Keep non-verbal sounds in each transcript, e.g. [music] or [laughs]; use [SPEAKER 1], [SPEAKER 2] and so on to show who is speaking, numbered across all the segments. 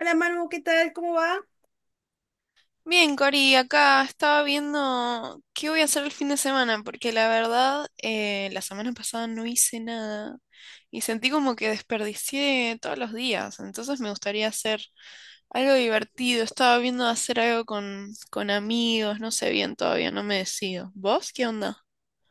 [SPEAKER 1] Hola Manu, ¿qué tal? ¿Cómo va?
[SPEAKER 2] Bien, Cori, acá estaba viendo qué voy a hacer el fin de semana, porque la verdad, la semana pasada no hice nada y sentí como que desperdicié todos los días, entonces me gustaría hacer algo divertido, estaba viendo hacer algo con amigos, no sé bien todavía, no me decido. ¿Vos qué onda?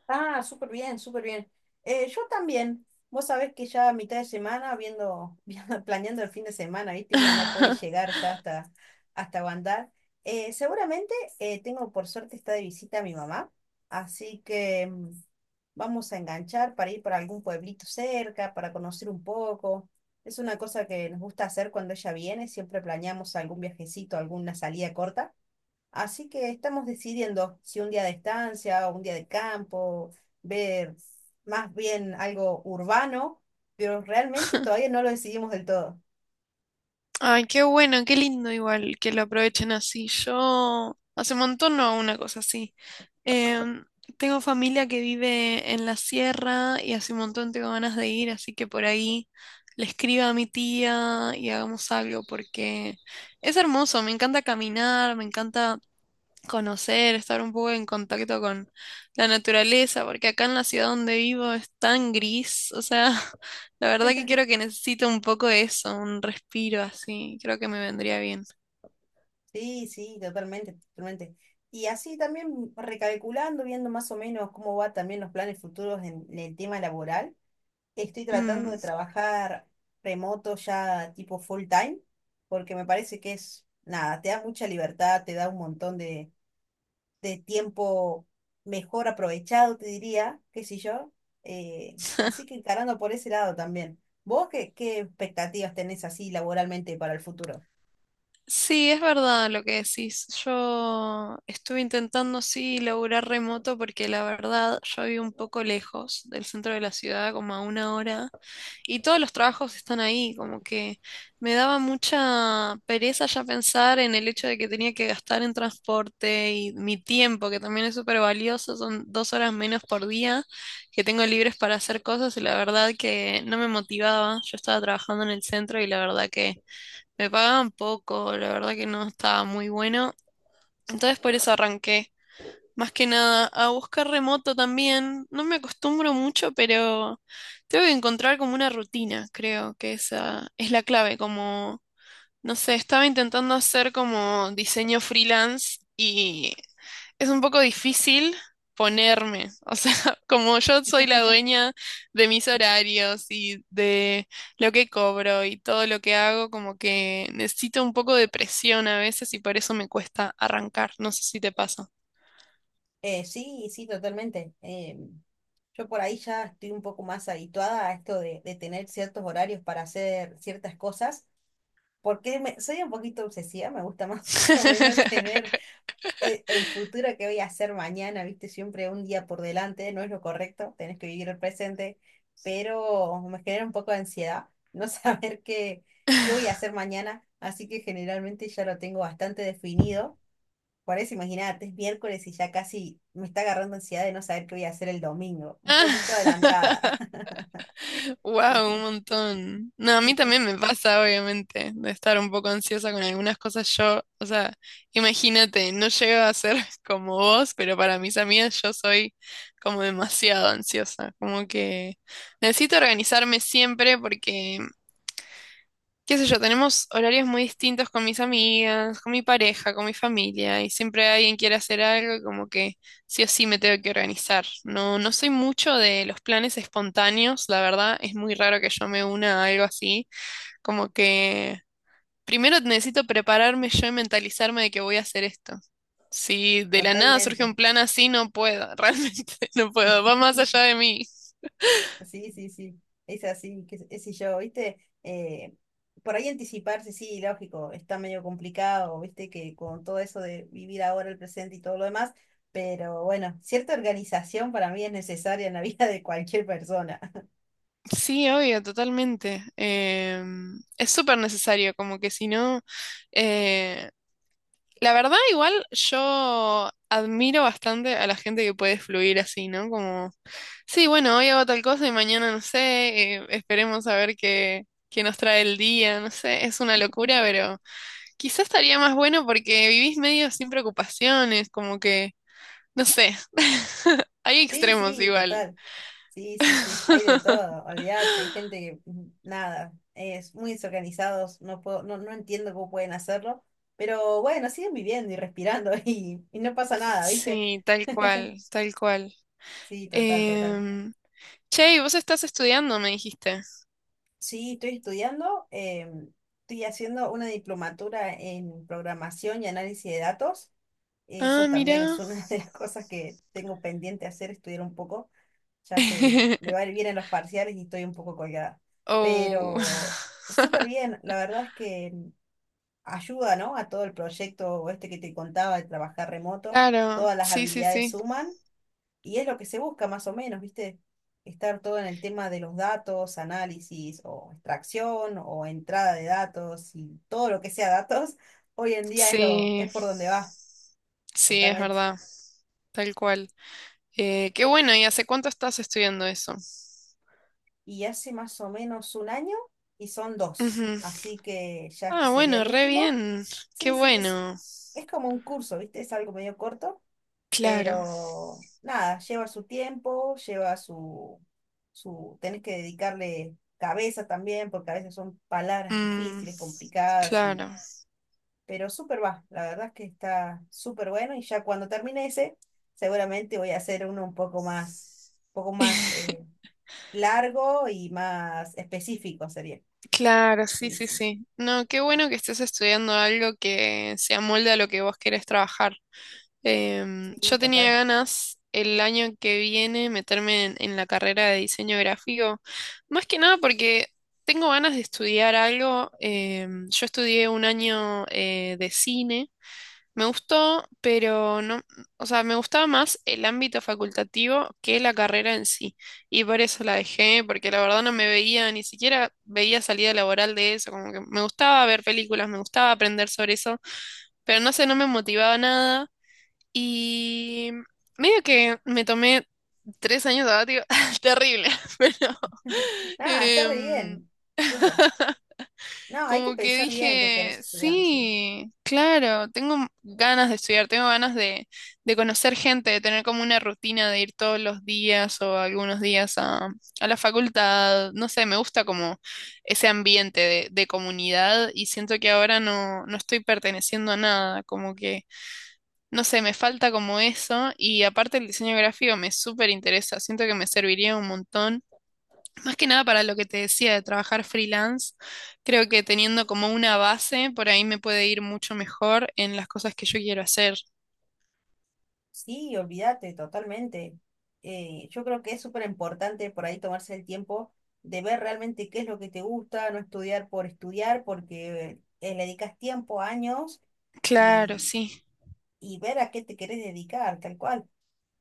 [SPEAKER 1] Ah, súper bien, súper bien. Yo también. Vos sabés que ya a mitad de semana, [laughs] planeando el fin de semana, ¿viste? Uno no puede
[SPEAKER 2] [laughs]
[SPEAKER 1] llegar ya hasta Bandar. Seguramente tengo, por suerte, está de visita mi mamá. Así que vamos a enganchar para ir para algún pueblito cerca, para conocer un poco. Es una cosa que nos gusta hacer cuando ella viene. Siempre planeamos algún viajecito, alguna salida corta. Así que estamos decidiendo si un día de estancia o un día de campo, ver más bien algo urbano, pero realmente todavía no lo decidimos del todo.
[SPEAKER 2] Ay, qué bueno, qué lindo igual que lo aprovechen así. Yo hace un montón no hago una cosa así. Em, Tengo familia que vive en la sierra y hace un montón tengo ganas de ir, así que por ahí le escriba a mi tía y hagamos algo porque es hermoso, me encanta caminar, me encanta conocer, estar un poco en contacto con la naturaleza, porque acá en la ciudad donde vivo es tan gris, o sea, [laughs] la verdad que creo que necesito un poco de eso, un respiro así, creo que me vendría bien.
[SPEAKER 1] Sí, sí, totalmente, totalmente. Y así también recalculando, viendo más o menos cómo va también los planes futuros en el tema laboral, estoy tratando
[SPEAKER 2] Mm.
[SPEAKER 1] de trabajar remoto ya tipo full time, porque me parece que es, nada, te da mucha libertad, te da un montón de tiempo mejor aprovechado, te diría, qué sé yo. Así que
[SPEAKER 2] [laughs]
[SPEAKER 1] encarando por ese lado también. ¿Vos qué expectativas tenés así laboralmente para el futuro?
[SPEAKER 2] Sí, es verdad lo que decís. Yo estuve intentando, sí, laburar remoto porque la verdad yo vivo un poco lejos del centro de la ciudad, como a una hora. Y todos los trabajos están ahí, como que me daba mucha pereza ya pensar en el hecho de que tenía que gastar en transporte y mi tiempo, que también es súper valioso, son 2 horas menos por día que tengo libres para hacer cosas y la verdad que no me motivaba. Yo estaba trabajando en el centro y la verdad que me pagaban poco, la verdad que no estaba muy bueno. Entonces por eso arranqué. Más que nada, a buscar remoto también. No me acostumbro mucho, pero tengo que encontrar como una rutina, creo que esa es la clave. Como, no sé, estaba intentando hacer como diseño freelance y es un poco difícil ponerme. O sea, [laughs] como yo soy la dueña de mis horarios y de lo que cobro y todo lo que hago, como que necesito un poco de presión a veces y por eso me cuesta arrancar. No sé si te pasa.
[SPEAKER 1] Sí, sí, totalmente. Yo por ahí ya estoy un poco más habituada a esto de tener ciertos horarios para hacer ciertas cosas, porque soy un poquito obsesiva, me gusta más [laughs] o menos tener
[SPEAKER 2] [laughs]
[SPEAKER 1] en futuro, ¿qué voy a hacer mañana? Viste, siempre un día por delante, no es lo correcto, tenés que vivir el presente, pero me genera un poco de ansiedad no [laughs] saber qué voy a hacer mañana, así que generalmente ya lo tengo bastante definido. Por eso, imagínate, es miércoles y ya casi me está agarrando ansiedad de no saber qué voy a hacer el domingo. Un poquito adelantada,
[SPEAKER 2] Wow, [laughs] un montón. No, a mí también me pasa, obviamente, de estar un poco ansiosa con algunas cosas. Yo, o sea, imagínate, no llego a ser [laughs] como vos, pero para mis amigas yo soy como demasiado ansiosa. Como que necesito organizarme siempre porque qué sé yo, tenemos horarios muy distintos con mis amigas, con mi pareja, con mi familia, y siempre alguien quiere hacer algo, y como que sí o sí me tengo que organizar. No, no soy mucho de los planes espontáneos, la verdad, es muy raro que yo me una a algo así, como que primero necesito prepararme yo y mentalizarme de que voy a hacer esto. Si
[SPEAKER 1] [laughs]
[SPEAKER 2] de la nada surge
[SPEAKER 1] totalmente.
[SPEAKER 2] un plan así, no puedo, [laughs] realmente no puedo, va más allá de mí.
[SPEAKER 1] Sí, sí, sí, es así, qué sé yo, ¿viste? Eh, por ahí anticiparse, sí, lógico, está medio complicado, ¿viste? Que con todo eso de vivir ahora el presente y todo lo demás, pero bueno, cierta organización para mí es necesaria en la [laughs] vida de cualquier persona.
[SPEAKER 2] Sí, obvio, totalmente. Es súper necesario, como que si no, eh, la verdad igual yo admiro bastante a la gente que puede fluir así, ¿no? Como, sí, bueno, hoy hago tal cosa y mañana no sé, esperemos a ver qué nos trae el día, no sé, es una locura,
[SPEAKER 1] [laughs]
[SPEAKER 2] pero quizás estaría más bueno porque vivís medio sin preocupaciones, como que, no sé, [laughs] hay
[SPEAKER 1] Sí,
[SPEAKER 2] extremos
[SPEAKER 1] sí,
[SPEAKER 2] igual.
[SPEAKER 1] total. Sí, sí, sí, hay de todo, olvídate, hay gente que, nada, es muy desorganizados, no puedo, no, no entiendo cómo pueden hacerlo, pero bueno, siguen viviendo y respirando [laughs] y no pasa nada, ¿viste?
[SPEAKER 2] Sí, tal cual, tal cual.
[SPEAKER 1] Sí, total, total.
[SPEAKER 2] Em, che, y vos estás estudiando, me dijiste.
[SPEAKER 1] Sí, estoy estudiando, estoy haciendo una diplomatura en programación y análisis de datos.
[SPEAKER 2] Ah,
[SPEAKER 1] Eso también es
[SPEAKER 2] mira.
[SPEAKER 1] una [laughs] de las cosas que tengo pendiente hacer, estudiar un poco. Ya se me va a
[SPEAKER 2] [laughs]
[SPEAKER 1] ir bien en los parciales y estoy un poco colgada.
[SPEAKER 2] Oh.
[SPEAKER 1] Pero súper
[SPEAKER 2] [laughs]
[SPEAKER 1] bien, la verdad es que ayuda, ¿no? A todo el proyecto este que te contaba de trabajar remoto.
[SPEAKER 2] Claro,
[SPEAKER 1] Todas las
[SPEAKER 2] sí, sí,
[SPEAKER 1] habilidades
[SPEAKER 2] sí.
[SPEAKER 1] suman y es lo que se busca más o menos, ¿viste? Estar todo en el tema de los datos, análisis o extracción o entrada de datos y todo lo que sea datos, [laughs] hoy en día es lo,
[SPEAKER 2] Sí,
[SPEAKER 1] es por donde va,
[SPEAKER 2] sí, es
[SPEAKER 1] totalmente.
[SPEAKER 2] verdad, tal cual. Qué bueno, ¿y hace cuánto estás estudiando eso?
[SPEAKER 1] Y hace más o menos un año y son dos,
[SPEAKER 2] Ujú.
[SPEAKER 1] así que ya este
[SPEAKER 2] Ah,
[SPEAKER 1] sería
[SPEAKER 2] bueno,
[SPEAKER 1] el
[SPEAKER 2] re
[SPEAKER 1] último.
[SPEAKER 2] bien. Qué
[SPEAKER 1] Sí, sí, es,
[SPEAKER 2] bueno.
[SPEAKER 1] es como un curso, ¿viste? Es algo medio corto
[SPEAKER 2] Claro.
[SPEAKER 1] pero nada, lleva su tiempo, lleva su, tenés que dedicarle cabeza también, porque a veces son palabras
[SPEAKER 2] Mm,
[SPEAKER 1] difíciles, complicadas, y,
[SPEAKER 2] claro.
[SPEAKER 1] pero súper va, la verdad es que está súper bueno y ya cuando termine ese, seguramente voy a hacer uno un poco más, un poco más eh,
[SPEAKER 2] [laughs]
[SPEAKER 1] largo y más específico sería.
[SPEAKER 2] Claro, sí,
[SPEAKER 1] Sí,
[SPEAKER 2] sí,
[SPEAKER 1] sí, sí,
[SPEAKER 2] sí. No, qué bueno que estés estudiando algo que se amolde a lo que vos querés trabajar.
[SPEAKER 1] sí,
[SPEAKER 2] Yo tenía
[SPEAKER 1] total.
[SPEAKER 2] ganas el año que viene meterme en la carrera de diseño gráfico, más que nada porque tengo ganas de estudiar algo. Yo estudié un año de cine. Me gustó, pero no, o sea, me gustaba más el ámbito facultativo que la carrera en sí. Y por eso la dejé, porque la verdad no me veía, ni siquiera veía salida laboral de eso. Como que me gustaba ver películas, me gustaba aprender sobre eso, pero no sé, no me motivaba nada. Y medio que me tomé 3 años sabático, [laughs] terrible, [laughs] pero
[SPEAKER 1] Nada, está re
[SPEAKER 2] em,
[SPEAKER 1] bien, súper. No, hay que
[SPEAKER 2] como que
[SPEAKER 1] pensar bien qué querés
[SPEAKER 2] dije,
[SPEAKER 1] estudiar, sí.
[SPEAKER 2] sí, claro, tengo ganas de estudiar, tengo ganas de conocer gente, de tener como una rutina de ir todos los días o algunos días a la facultad. No sé, me gusta como ese ambiente de comunidad y siento que ahora no, no estoy perteneciendo a nada, como que, no sé, me falta como eso y aparte el diseño gráfico me súper interesa, siento que me serviría un montón. Más que nada para lo que te decía de trabajar freelance, creo que teniendo como una base, por ahí me puede ir mucho mejor en las cosas que yo quiero hacer.
[SPEAKER 1] Sí, olvídate, totalmente. Yo creo que es súper importante por ahí tomarse el tiempo de ver realmente qué es lo que te gusta, no estudiar por estudiar, porque le dedicas tiempo, años
[SPEAKER 2] Claro,
[SPEAKER 1] y,
[SPEAKER 2] sí.
[SPEAKER 1] y ver a qué te querés dedicar, tal cual.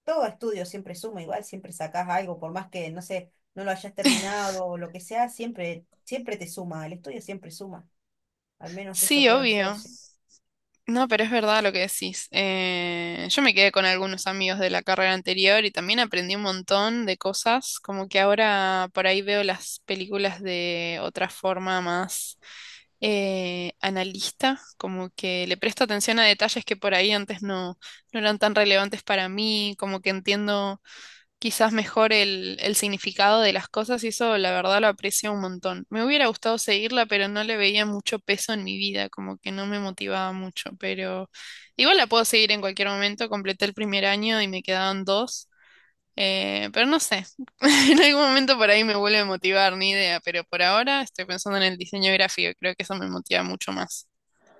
[SPEAKER 1] Todo estudio siempre suma, igual siempre sacás algo, por más que, no sé, no lo hayas terminado o lo que sea, siempre, siempre te suma, el estudio siempre suma. Al menos eso
[SPEAKER 2] Sí,
[SPEAKER 1] creo yo,
[SPEAKER 2] obvio.
[SPEAKER 1] sí.
[SPEAKER 2] No, pero es verdad lo que decís. Yo me quedé con algunos amigos de la carrera anterior y también aprendí un montón de cosas, como que ahora por ahí veo las películas de otra forma más analista, como que le presto atención a detalles que por ahí antes no, no eran tan relevantes para mí, como que entiendo quizás mejor el significado de las cosas y eso la verdad lo aprecio un montón. Me hubiera gustado seguirla, pero no le veía mucho peso en mi vida, como que no me motivaba mucho, pero igual la puedo seguir en cualquier momento. Completé el primer año y me quedaban dos, pero no sé, [laughs] en algún momento por ahí me vuelve a motivar, ni idea, pero por ahora estoy pensando en el diseño gráfico, creo que eso me motiva mucho más.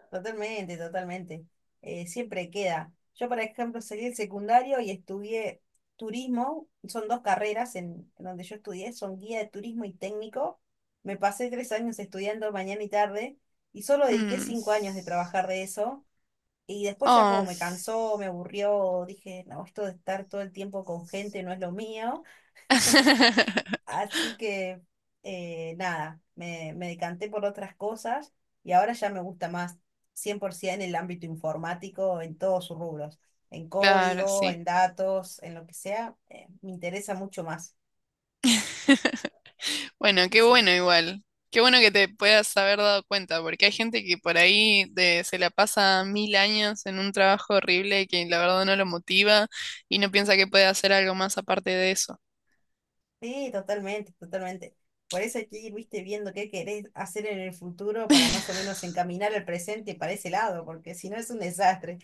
[SPEAKER 1] Totalmente, totalmente. Siempre queda. Yo, por ejemplo, salí del secundario y estudié turismo. Son dos carreras en donde yo estudié, son guía de turismo y técnico. Me pasé 3 años estudiando mañana y tarde y solo dediqué
[SPEAKER 2] Mm.
[SPEAKER 1] 5 años de trabajar de eso. Y después ya como
[SPEAKER 2] Oh,
[SPEAKER 1] me cansó, me aburrió, dije, no, esto de estar todo el tiempo con gente no es lo mío.
[SPEAKER 2] [laughs]
[SPEAKER 1] Así que nada, me decanté por otras cosas y ahora ya me gusta más 100% en el ámbito informático en todos sus rubros, en
[SPEAKER 2] claro,
[SPEAKER 1] código,
[SPEAKER 2] sí.
[SPEAKER 1] en datos, en lo que sea, me interesa mucho más.
[SPEAKER 2] [laughs] Bueno, qué bueno
[SPEAKER 1] Sí,
[SPEAKER 2] igual. Qué bueno que te puedas haber dado cuenta, porque hay gente que por ahí se la pasa mil años en un trabajo horrible que la verdad no lo motiva y no piensa que puede hacer algo más aparte de eso.
[SPEAKER 1] sí, totalmente, totalmente. Por eso hay que ir, viste, viendo qué querés hacer en el futuro para más o menos encaminar el presente para ese lado, porque si no es un desastre.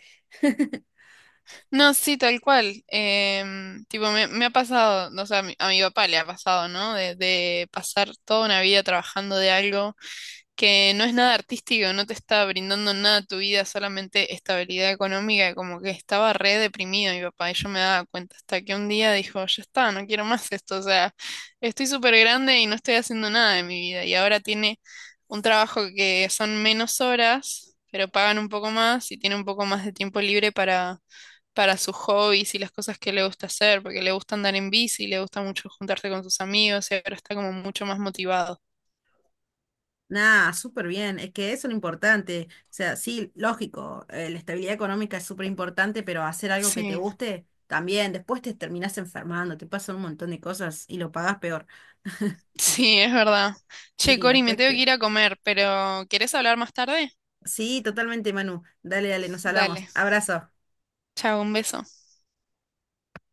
[SPEAKER 2] No, sí, tal cual. Em, tipo, me ha pasado, no sé, a a mi papá le ha pasado, ¿no? De pasar toda una vida trabajando de algo. Que no es nada artístico, no te está brindando nada a tu vida, solamente estabilidad económica, y como que estaba re deprimido mi papá y yo me daba cuenta hasta que un día dijo, ya está, no quiero más esto, o sea, estoy súper grande y no estoy haciendo nada de mi vida y ahora tiene un trabajo que son menos horas, pero pagan un poco más y tiene un poco más de tiempo libre para sus hobbies y las cosas que le gusta hacer, porque le gusta andar en bici, le gusta mucho juntarse con sus amigos y ahora está como mucho más motivado.
[SPEAKER 1] Nah, súper bien, es que eso es lo importante. O sea, sí, lógico, la estabilidad económica es súper importante, pero hacer algo que te
[SPEAKER 2] Sí.
[SPEAKER 1] guste también. Después te terminás enfermando, te pasan un montón de cosas y lo pagás peor. [laughs]
[SPEAKER 2] Sí, es verdad. Che,
[SPEAKER 1] Y
[SPEAKER 2] Cori, me
[SPEAKER 1] después
[SPEAKER 2] tengo que
[SPEAKER 1] te...
[SPEAKER 2] ir a comer, pero ¿querés hablar más tarde?
[SPEAKER 1] Sí, totalmente, Manu. Dale, dale, nos hablamos.
[SPEAKER 2] Dale.
[SPEAKER 1] Abrazo.
[SPEAKER 2] Chao, un beso.